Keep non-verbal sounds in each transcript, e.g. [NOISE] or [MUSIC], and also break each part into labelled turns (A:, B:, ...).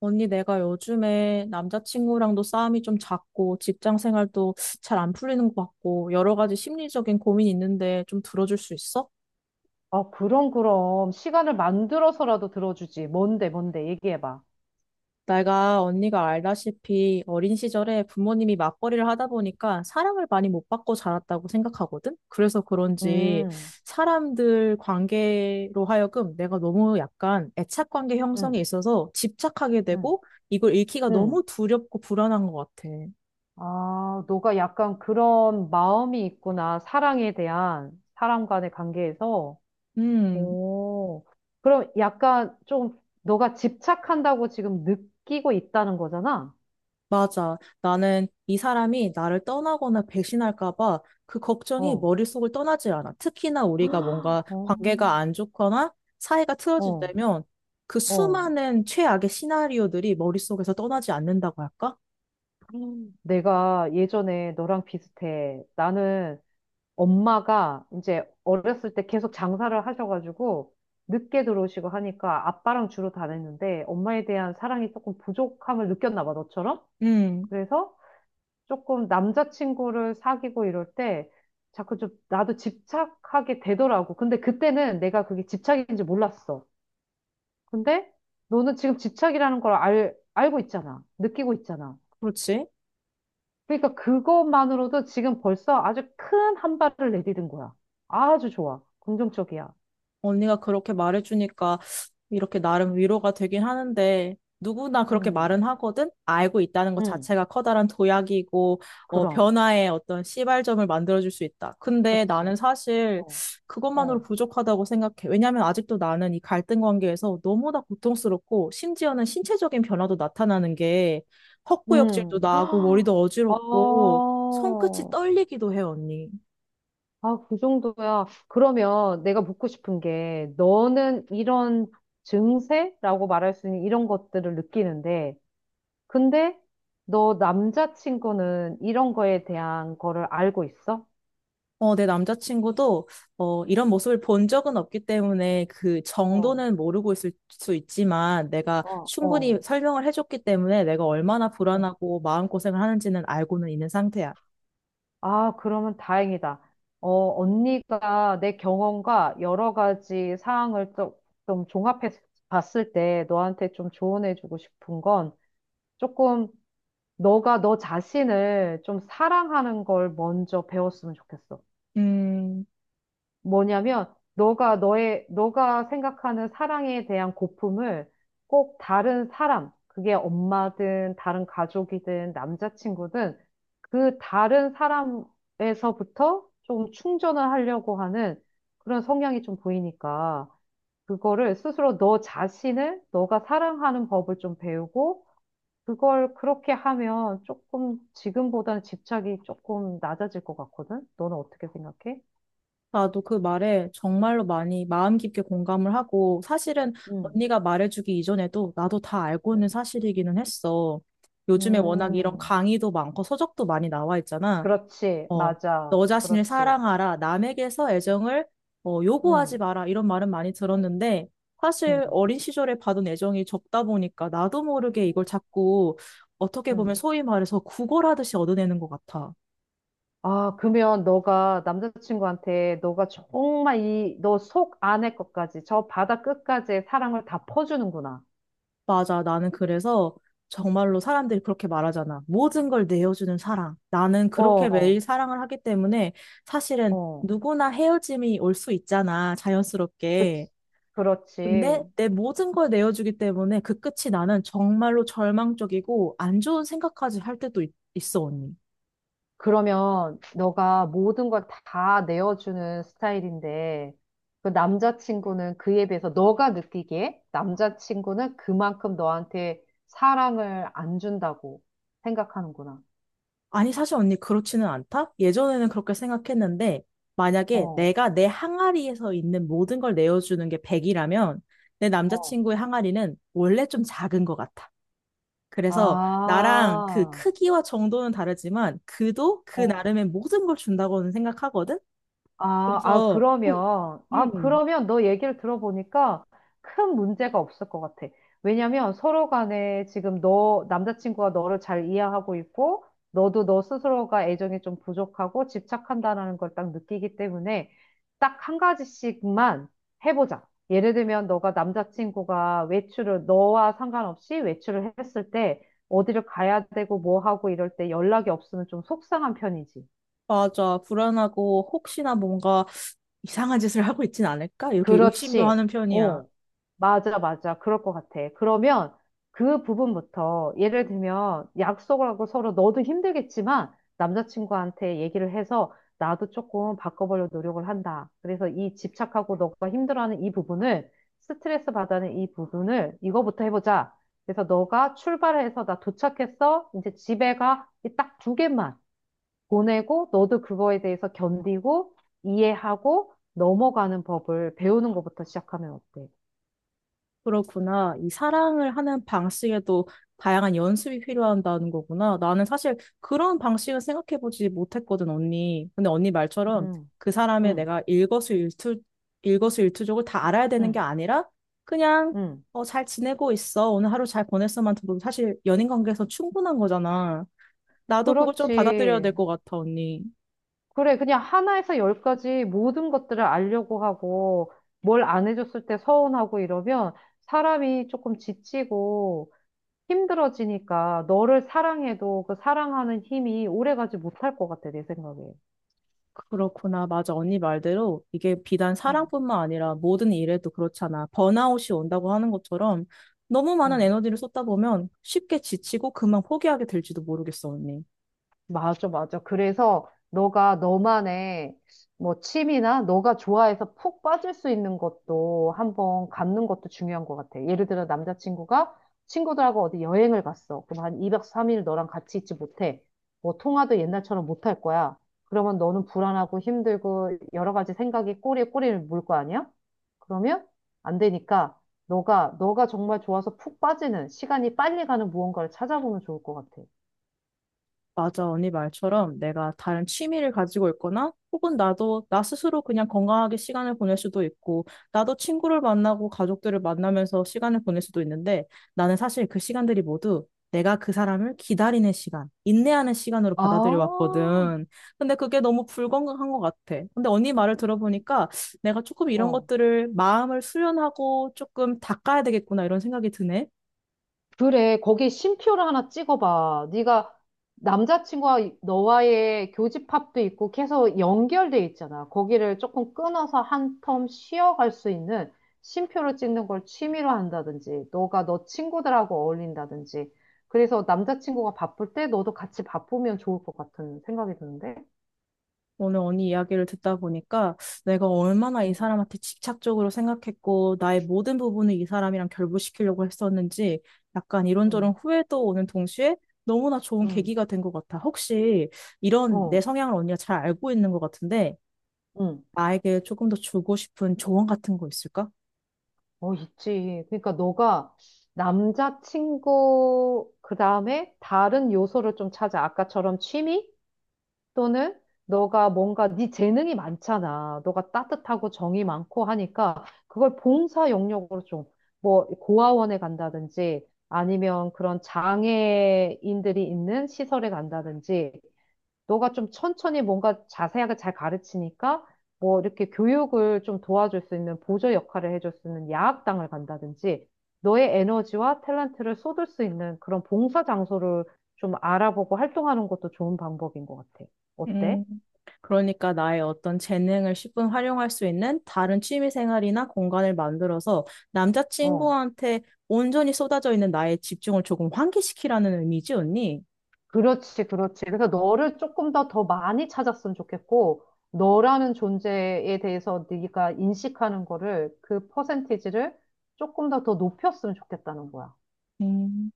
A: 언니, 내가 요즘에 남자친구랑도 싸움이 좀 잦고, 직장 생활도 잘 안 풀리는 것 같고, 여러 가지 심리적인 고민이 있는데 좀 들어줄 수 있어?
B: 아, 그럼, 그럼. 시간을 만들어서라도 들어주지. 뭔데, 뭔데, 얘기해봐.
A: 내가 언니가 알다시피 어린 시절에 부모님이 맞벌이를 하다 보니까 사랑을 많이 못 받고 자랐다고 생각하거든? 그래서 그런지
B: 음,
A: 사람들 관계로 하여금 내가 너무 약간 애착 관계 형성에
B: 음,
A: 있어서 집착하게
B: 음,
A: 되고, 이걸 잃기가 너무
B: 음.
A: 두렵고 불안한 것 같아.
B: 아, 너가 약간 그런 마음이 있구나. 사랑에 대한, 사람 간의 관계에서.
A: 음.
B: 오, 그럼 약간 좀, 너가 집착한다고 지금 느끼고 있다는 거잖아?
A: 맞아. 나는 이 사람이 나를 떠나거나 배신할까 봐 그 걱정이
B: 어,
A: 머릿속을 떠나질 않아. 특히나 우리가 뭔가
B: [GASPS] 어,
A: 관계가 안 좋거나 사이가 틀어질
B: 어,
A: 때면 그
B: 어.
A: 수많은 최악의 시나리오들이 머릿속에서 떠나지 않는다고 할까?
B: 내가 예전에 너랑 비슷해. 나는 엄마가 이제 어렸을 때 계속 장사를 하셔가지고 늦게 들어오시고 하니까 아빠랑 주로 다녔는데 엄마에 대한 사랑이 조금 부족함을 느꼈나 봐, 너처럼.
A: 음,
B: 그래서 조금 남자친구를 사귀고 이럴 때 자꾸 좀 나도 집착하게 되더라고. 근데 그때는 내가 그게 집착인지 몰랐어. 근데 너는 지금 집착이라는 걸 알고 있잖아. 느끼고 있잖아.
A: 그렇지.
B: 그러니까 그것만으로도 지금 벌써 아주 큰 한 발을 내디딘 거야. 아주 좋아. 긍정적이야.
A: 언니가 그렇게 말해주니까 이렇게 나름 위로가 되긴 하는데 누구나 그렇게
B: 음,
A: 말은 하거든? 알고 있다는 것
B: 음,
A: 자체가 커다란 도약이고
B: 그럼,
A: 변화의 어떤 시발점을 만들어줄 수 있다. 근데
B: 그치.
A: 나는 사실
B: 어,
A: 그것만으로
B: 어,
A: 부족하다고 생각해. 왜냐하면 아직도 나는 이 갈등 관계에서 너무나 고통스럽고 심지어는 신체적인 변화도 나타나는 게 헛구역질도
B: 음.
A: 나고 머리도
B: [GASPS] 어,
A: 어지럽고 손끝이 떨리기도 해, 언니.
B: 아, 그 정도야. 그러면 내가 묻고 싶은 게, 너는 이런 증세라고 말할 수 있는 이런 것들을 느끼는데, 근데 너 남자친구는 이런 거에 대한 거를 알고 있어?
A: 내 남자친구도 이런 모습을 본 적은 없기 때문에 그
B: 어,
A: 정도는 모르고 있을 수 있지만 내가
B: 어,
A: 충분히
B: 어,
A: 설명을 해줬기 때문에 내가 얼마나
B: 어.
A: 불안하고 마음고생을 하는지는 알고는 있는 상태야.
B: 아, 그러면 다행이다. 어, 언니가 내 경험과 여러 가지 사항을 좀, 좀 종합해 봤을 때 너한테 좀 조언해주고 싶은 건 조금 너가 너 자신을 좀 사랑하는 걸 먼저 배웠으면 좋겠어.
A: 음,
B: 뭐냐면 너가 생각하는 사랑에 대한 고품을 꼭 다른 사람, 그게 엄마든 다른 가족이든 남자친구든 그 다른 사람에서부터 좀 충전을 하려고 하는 그런 성향이 좀 보이니까 그거를 스스로 너 자신을 너가 사랑하는 법을 좀 배우고 그걸 그렇게 하면 조금 지금보다는 집착이 조금 낮아질 것 같거든? 너는 어떻게 생각해?
A: 나도 그 말에 정말로 많이 마음 깊게 공감을 하고 사실은
B: 응.
A: 언니가 말해주기 이전에도 나도 다 알고 있는 사실이기는 했어. 요즘에 워낙 이런
B: 음,
A: 강의도 많고 서적도 많이 나와 있잖아.
B: 그렇지,
A: 어,
B: 맞아,
A: 너 자신을
B: 그렇지.
A: 사랑하라, 남에게서 애정을 요구하지
B: 음,
A: 마라, 이런 말은 많이 들었는데,
B: 음,
A: 사실 어린 시절에 받은 애정이 적다 보니까 나도 모르게
B: 음,
A: 이걸 자꾸 어떻게 보면
B: 음.
A: 소위 말해서 구걸하듯이 얻어내는 것 같아.
B: 아, 그러면 너가 남자친구한테 너가 정말 이, 너 속 안의 것까지, 저 바다 끝까지의 사랑을 다 퍼주는구나.
A: 맞아, 나는 그래서 정말로 사람들이 그렇게 말하잖아. 모든 걸 내어주는 사랑. 나는 그렇게
B: 어,
A: 매일 사랑을 하기 때문에 사실은
B: 어,
A: 누구나 헤어짐이 올 수 있잖아,
B: 그,
A: 자연스럽게. 근데
B: 그렇지.
A: 내 모든 걸 내어주기 때문에 그 끝이 나는 정말로 절망적이고 안 좋은 생각까지 할 때도 있어, 언니.
B: 그러면 너가 모든 걸 다 내어주는 스타일인데 그 남자친구는 그에 비해서 너가 느끼기에 남자친구는 그만큼 너한테 사랑을 안 준다고 생각하는구나.
A: 아니, 사실 언니 그렇지는 않다? 예전에는 그렇게 생각했는데 만약에
B: 어,
A: 내가 내 항아리에서 있는 모든 걸 내어주는 게 100이라면 내
B: 어.
A: 남자친구의 항아리는 원래 좀 작은 것 같아. 그래서 나랑 그
B: 아,
A: 크기와 정도는 다르지만 그도 그
B: 어.
A: 나름의 모든 걸 준다고는 생각하거든?
B: 아, 아,
A: 그래서
B: 그러면, 아,
A: 음.
B: 그러면 너 얘기를 들어보니까 큰 문제가 없을 것 같아. 왜냐면 서로 간에 지금 너, 남자친구가 너를 잘 이해하고 있고, 너도 너 스스로가 애정이 좀 부족하고 집착한다라는 걸 딱 느끼기 때문에 딱 한 가지씩만 해보자. 예를 들면 너가 남자친구가 외출을, 너와 상관없이 외출을 했을 때 어디를 가야 되고 뭐 하고 이럴 때 연락이 없으면 좀 속상한 편이지.
A: 맞아. 불안하고 혹시나 뭔가 이상한 짓을 하고 있진 않을까? 이렇게 의심도
B: 그렇지.
A: 하는 편이야.
B: 어, 맞아, 맞아. 그럴 것 같아. 그러면 그 부분부터 예를 들면 약속을 하고 서로 너도 힘들겠지만 남자친구한테 얘기를 해서 나도 조금 바꿔보려 노력을 한다. 그래서 이 집착하고 너가 힘들어하는 이 부분을 스트레스 받는 이 부분을 이거부터 해보자. 그래서 너가 출발해서 나 도착했어. 이제 집에 가. 딱 두 개만. 보내고 너도 그거에 대해서 견디고 이해하고 넘어가는 법을 배우는 것부터 시작하면 어때?
A: 그렇구나. 이 사랑을 하는 방식에도 다양한 연습이 필요한다는 거구나. 나는 사실 그런 방식을 생각해보지 못했거든, 언니. 근데 언니 말처럼
B: 음,
A: 그 사람의
B: 음,
A: 내가 일거수일투족을 다 알아야 되는 게
B: 음,
A: 아니라 그냥
B: 음.
A: 어, 잘 지내고 있어. 오늘 하루 잘 보냈어만 들어도 사실 연인 관계에서 충분한 거잖아. 나도 그걸 좀 받아들여야
B: 그렇지.
A: 될 것 같아, 언니.
B: 그래, 그냥 하나에서 열까지 모든 것들을 알려고 하고 뭘 안 해줬을 때 서운하고 이러면 사람이 조금 지치고 힘들어지니까 너를 사랑해도 그 사랑하는 힘이 오래가지 못할 것 같아, 내 생각에.
A: 그렇구나. 맞아. 언니 말대로 이게 비단
B: 음,
A: 사랑뿐만 아니라 모든 일에도 그렇잖아. 번아웃이 온다고 하는 것처럼 너무 많은
B: 음.
A: 에너지를 쏟다 보면 쉽게 지치고 그만 포기하게 될지도 모르겠어, 언니.
B: 맞아, 맞아. 그래서 너가 너만의 뭐 취미나 너가 좋아해서 푹 빠질 수 있는 것도 한번 갖는 것도 중요한 것 같아. 예를 들어 남자친구가 친구들하고 어디 여행을 갔어. 그럼 한 2박 3일 너랑 같이 있지 못해. 뭐 통화도 옛날처럼 못할 거야. 그러면 너는 불안하고 힘들고 여러 가지 생각이 꼬리에 꼬리를 물 거 아니야? 그러면 안 되니까 너가 정말 좋아서 푹 빠지는 시간이 빨리 가는 무언가를 찾아보면 좋을 것 같아.
A: 맞아, 언니 말처럼 내가 다른 취미를 가지고 있거나 혹은 나도 나 스스로 그냥 건강하게 시간을 보낼 수도 있고 나도 친구를 만나고 가족들을 만나면서 시간을 보낼 수도 있는데 나는 사실 그 시간들이 모두 내가 그 사람을 기다리는 시간, 인내하는 시간으로
B: 아,
A: 받아들여 왔거든. 근데 그게 너무 불건강한 것 같아. 근데 언니 말을 들어보니까 내가 조금 이런
B: 어.
A: 것들을 마음을 수련하고 조금 닦아야 되겠구나 이런 생각이 드네.
B: 그래, 거기 쉼표를 하나 찍어봐. 네가 남자친구와 이- 너와의 교집합도 있고 계속 연결돼 있잖아. 거기를 조금 끊어서 한 텀 쉬어갈 수 있는 쉼표를 찍는 걸 취미로 한다든지, 너가 너 친구들하고 어울린다든지. 그래서 남자친구가 바쁠 때 너도 같이 바쁘면 좋을 것 같은 생각이 드는데.
A: 오늘 언니 이야기를 듣다 보니까 내가 얼마나 이 사람한테 집착적으로 생각했고 나의 모든 부분을 이 사람이랑 결부시키려고 했었는지 약간 이런저런
B: 음,
A: 후회도 오는 동시에 너무나 좋은
B: 음,
A: 계기가 된 것 같아. 혹시 이런 내
B: 어,
A: 성향을 언니가 잘 알고 있는 것 같은데
B: 응.
A: 나에게 조금 더 주고 싶은 조언 같은 거 있을까?
B: 어, 있지. 그러니까 너가 남자친구, 그 다음에 다른 요소를 좀 찾아. 아까처럼 취미? 또는 너가 뭔가 네 재능이 많잖아. 너가 따뜻하고 정이 많고 하니까 그걸 봉사 영역으로 좀, 뭐, 고아원에 간다든지 아니면 그런 장애인들이 있는 시설에 간다든지 너가 좀 천천히 뭔가 자세하게 잘 가르치니까 뭐 이렇게 교육을 좀 도와줄 수 있는 보조 역할을 해줄 수 있는 야학당을 간다든지 너의 에너지와 탤런트를 쏟을 수 있는 그런 봉사 장소를 좀 알아보고 활동하는 것도 좋은 방법인 것 같아. 어때?
A: 음, 그러니까 나의 어떤 재능을 십분 활용할 수 있는 다른 취미 생활이나 공간을 만들어서
B: 어.
A: 남자친구한테 온전히 쏟아져 있는 나의 집중을 조금 환기시키라는 의미지, 언니?
B: 그렇지, 그렇지. 그래서 너를 조금 더 더 많이 찾았으면 좋겠고, 너라는 존재에 대해서 네가 인식하는 거를 그 퍼센티지를 조금 더 더 높였으면 좋겠다는 거야.
A: 음,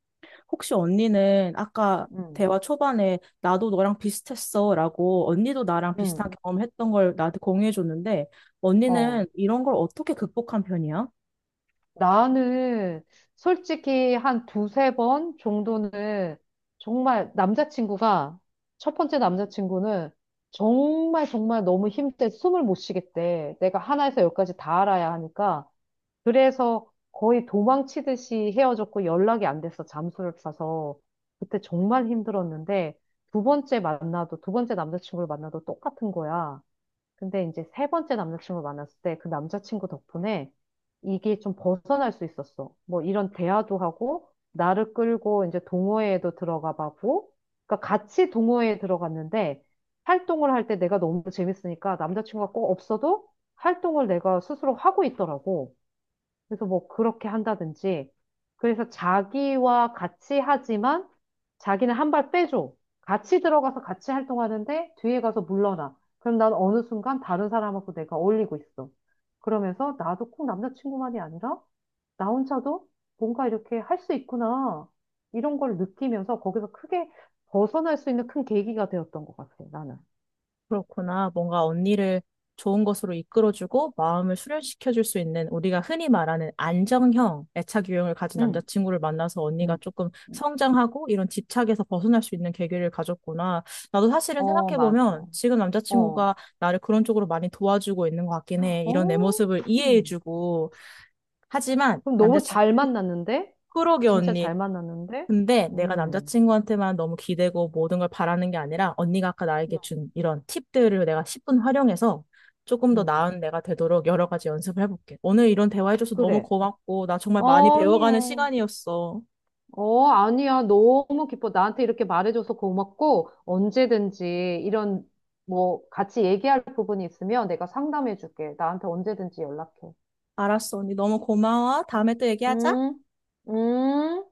A: 혹시 언니는 아까
B: 음,
A: 대화 초반에 나도 너랑 비슷했어 라고 언니도 나랑
B: 음.
A: 비슷한 경험을 했던 걸 나한테 공유해 줬는데
B: 어,
A: 언니는 이런 걸 어떻게 극복한 편이야?
B: 나는 솔직히 한 두세 번 정도는 정말 남자친구가, 첫 번째 남자친구는 정말 정말 너무 힘들 때 숨을 못 쉬겠대. 내가 하나에서 열까지 다 알아야 하니까. 그래서 거의 도망치듯이 헤어졌고 연락이 안 돼서 잠수를 타서 그때 정말 힘들었는데 두 번째 남자친구를 만나도 똑같은 거야. 근데 이제 세 번째 남자친구를 만났을 때 그 남자친구 덕분에 이게 좀 벗어날 수 있었어. 뭐 이런 대화도 하고, 나를 끌고 이제 동호회에도 들어가 봤고, 그러니까 같이 동호회에 들어갔는데, 활동을 할 때 내가 너무 재밌으니까 남자친구가 꼭 없어도 활동을 내가 스스로 하고 있더라고. 그래서 뭐 그렇게 한다든지. 그래서 자기와 같이 하지만 자기는 한 발 빼줘. 같이 들어가서 같이 활동하는데 뒤에 가서 물러나. 그럼 난 어느 순간 다른 사람하고 내가 어울리고 있어. 그러면서 나도 꼭 남자친구만이 아니라 나 혼자도 뭔가 이렇게 할 수 있구나. 이런 걸 느끼면서 거기서 크게 벗어날 수 있는 큰 계기가 되었던 것 같아, 나는.
A: 그렇구나. 뭔가 언니를 좋은 것으로 이끌어주고 마음을 수련시켜줄 수 있는 우리가 흔히 말하는 안정형 애착 유형을 가진
B: 응,
A: 남자친구를 만나서 언니가
B: 응.
A: 조금 성장하고 이런 집착에서 벗어날 수 있는 계기를 가졌구나. 나도 사실은
B: 어, 맞아.
A: 생각해보면 지금
B: 어.
A: 남자친구가 나를 그런 쪽으로 많이 도와주고 있는 것 같긴 해. 이런
B: 어,
A: 내 모습을 이해해주고. 하지만
B: 그럼
A: 남자,
B: 너무 잘 만났는데?
A: 그러게
B: 진짜
A: 언니.
B: 잘 만났는데?
A: 근데 내가
B: 음,
A: 남자친구한테만 너무 기대고 모든 걸 바라는 게 아니라 언니가 아까 나에게
B: 음.
A: 준 이런 팁들을 내가 십분 활용해서 조금 더
B: 음.
A: 나은 내가 되도록 여러 가지 연습을 해볼게. 오늘 이런 대화해줘서 너무
B: 그래.
A: 고맙고 나 정말 많이 배워가는
B: 아니요.
A: 시간이었어.
B: 어, 아니야. 너무 기뻐. 나한테 이렇게 말해줘서 고맙고, 언제든지 이런, 뭐, 같이 얘기할 부분이 있으면 내가 상담해줄게. 나한테 언제든지 연락해.
A: 알았어, 언니. 너무 고마워. 다음에 또 얘기하자.
B: 음, 음.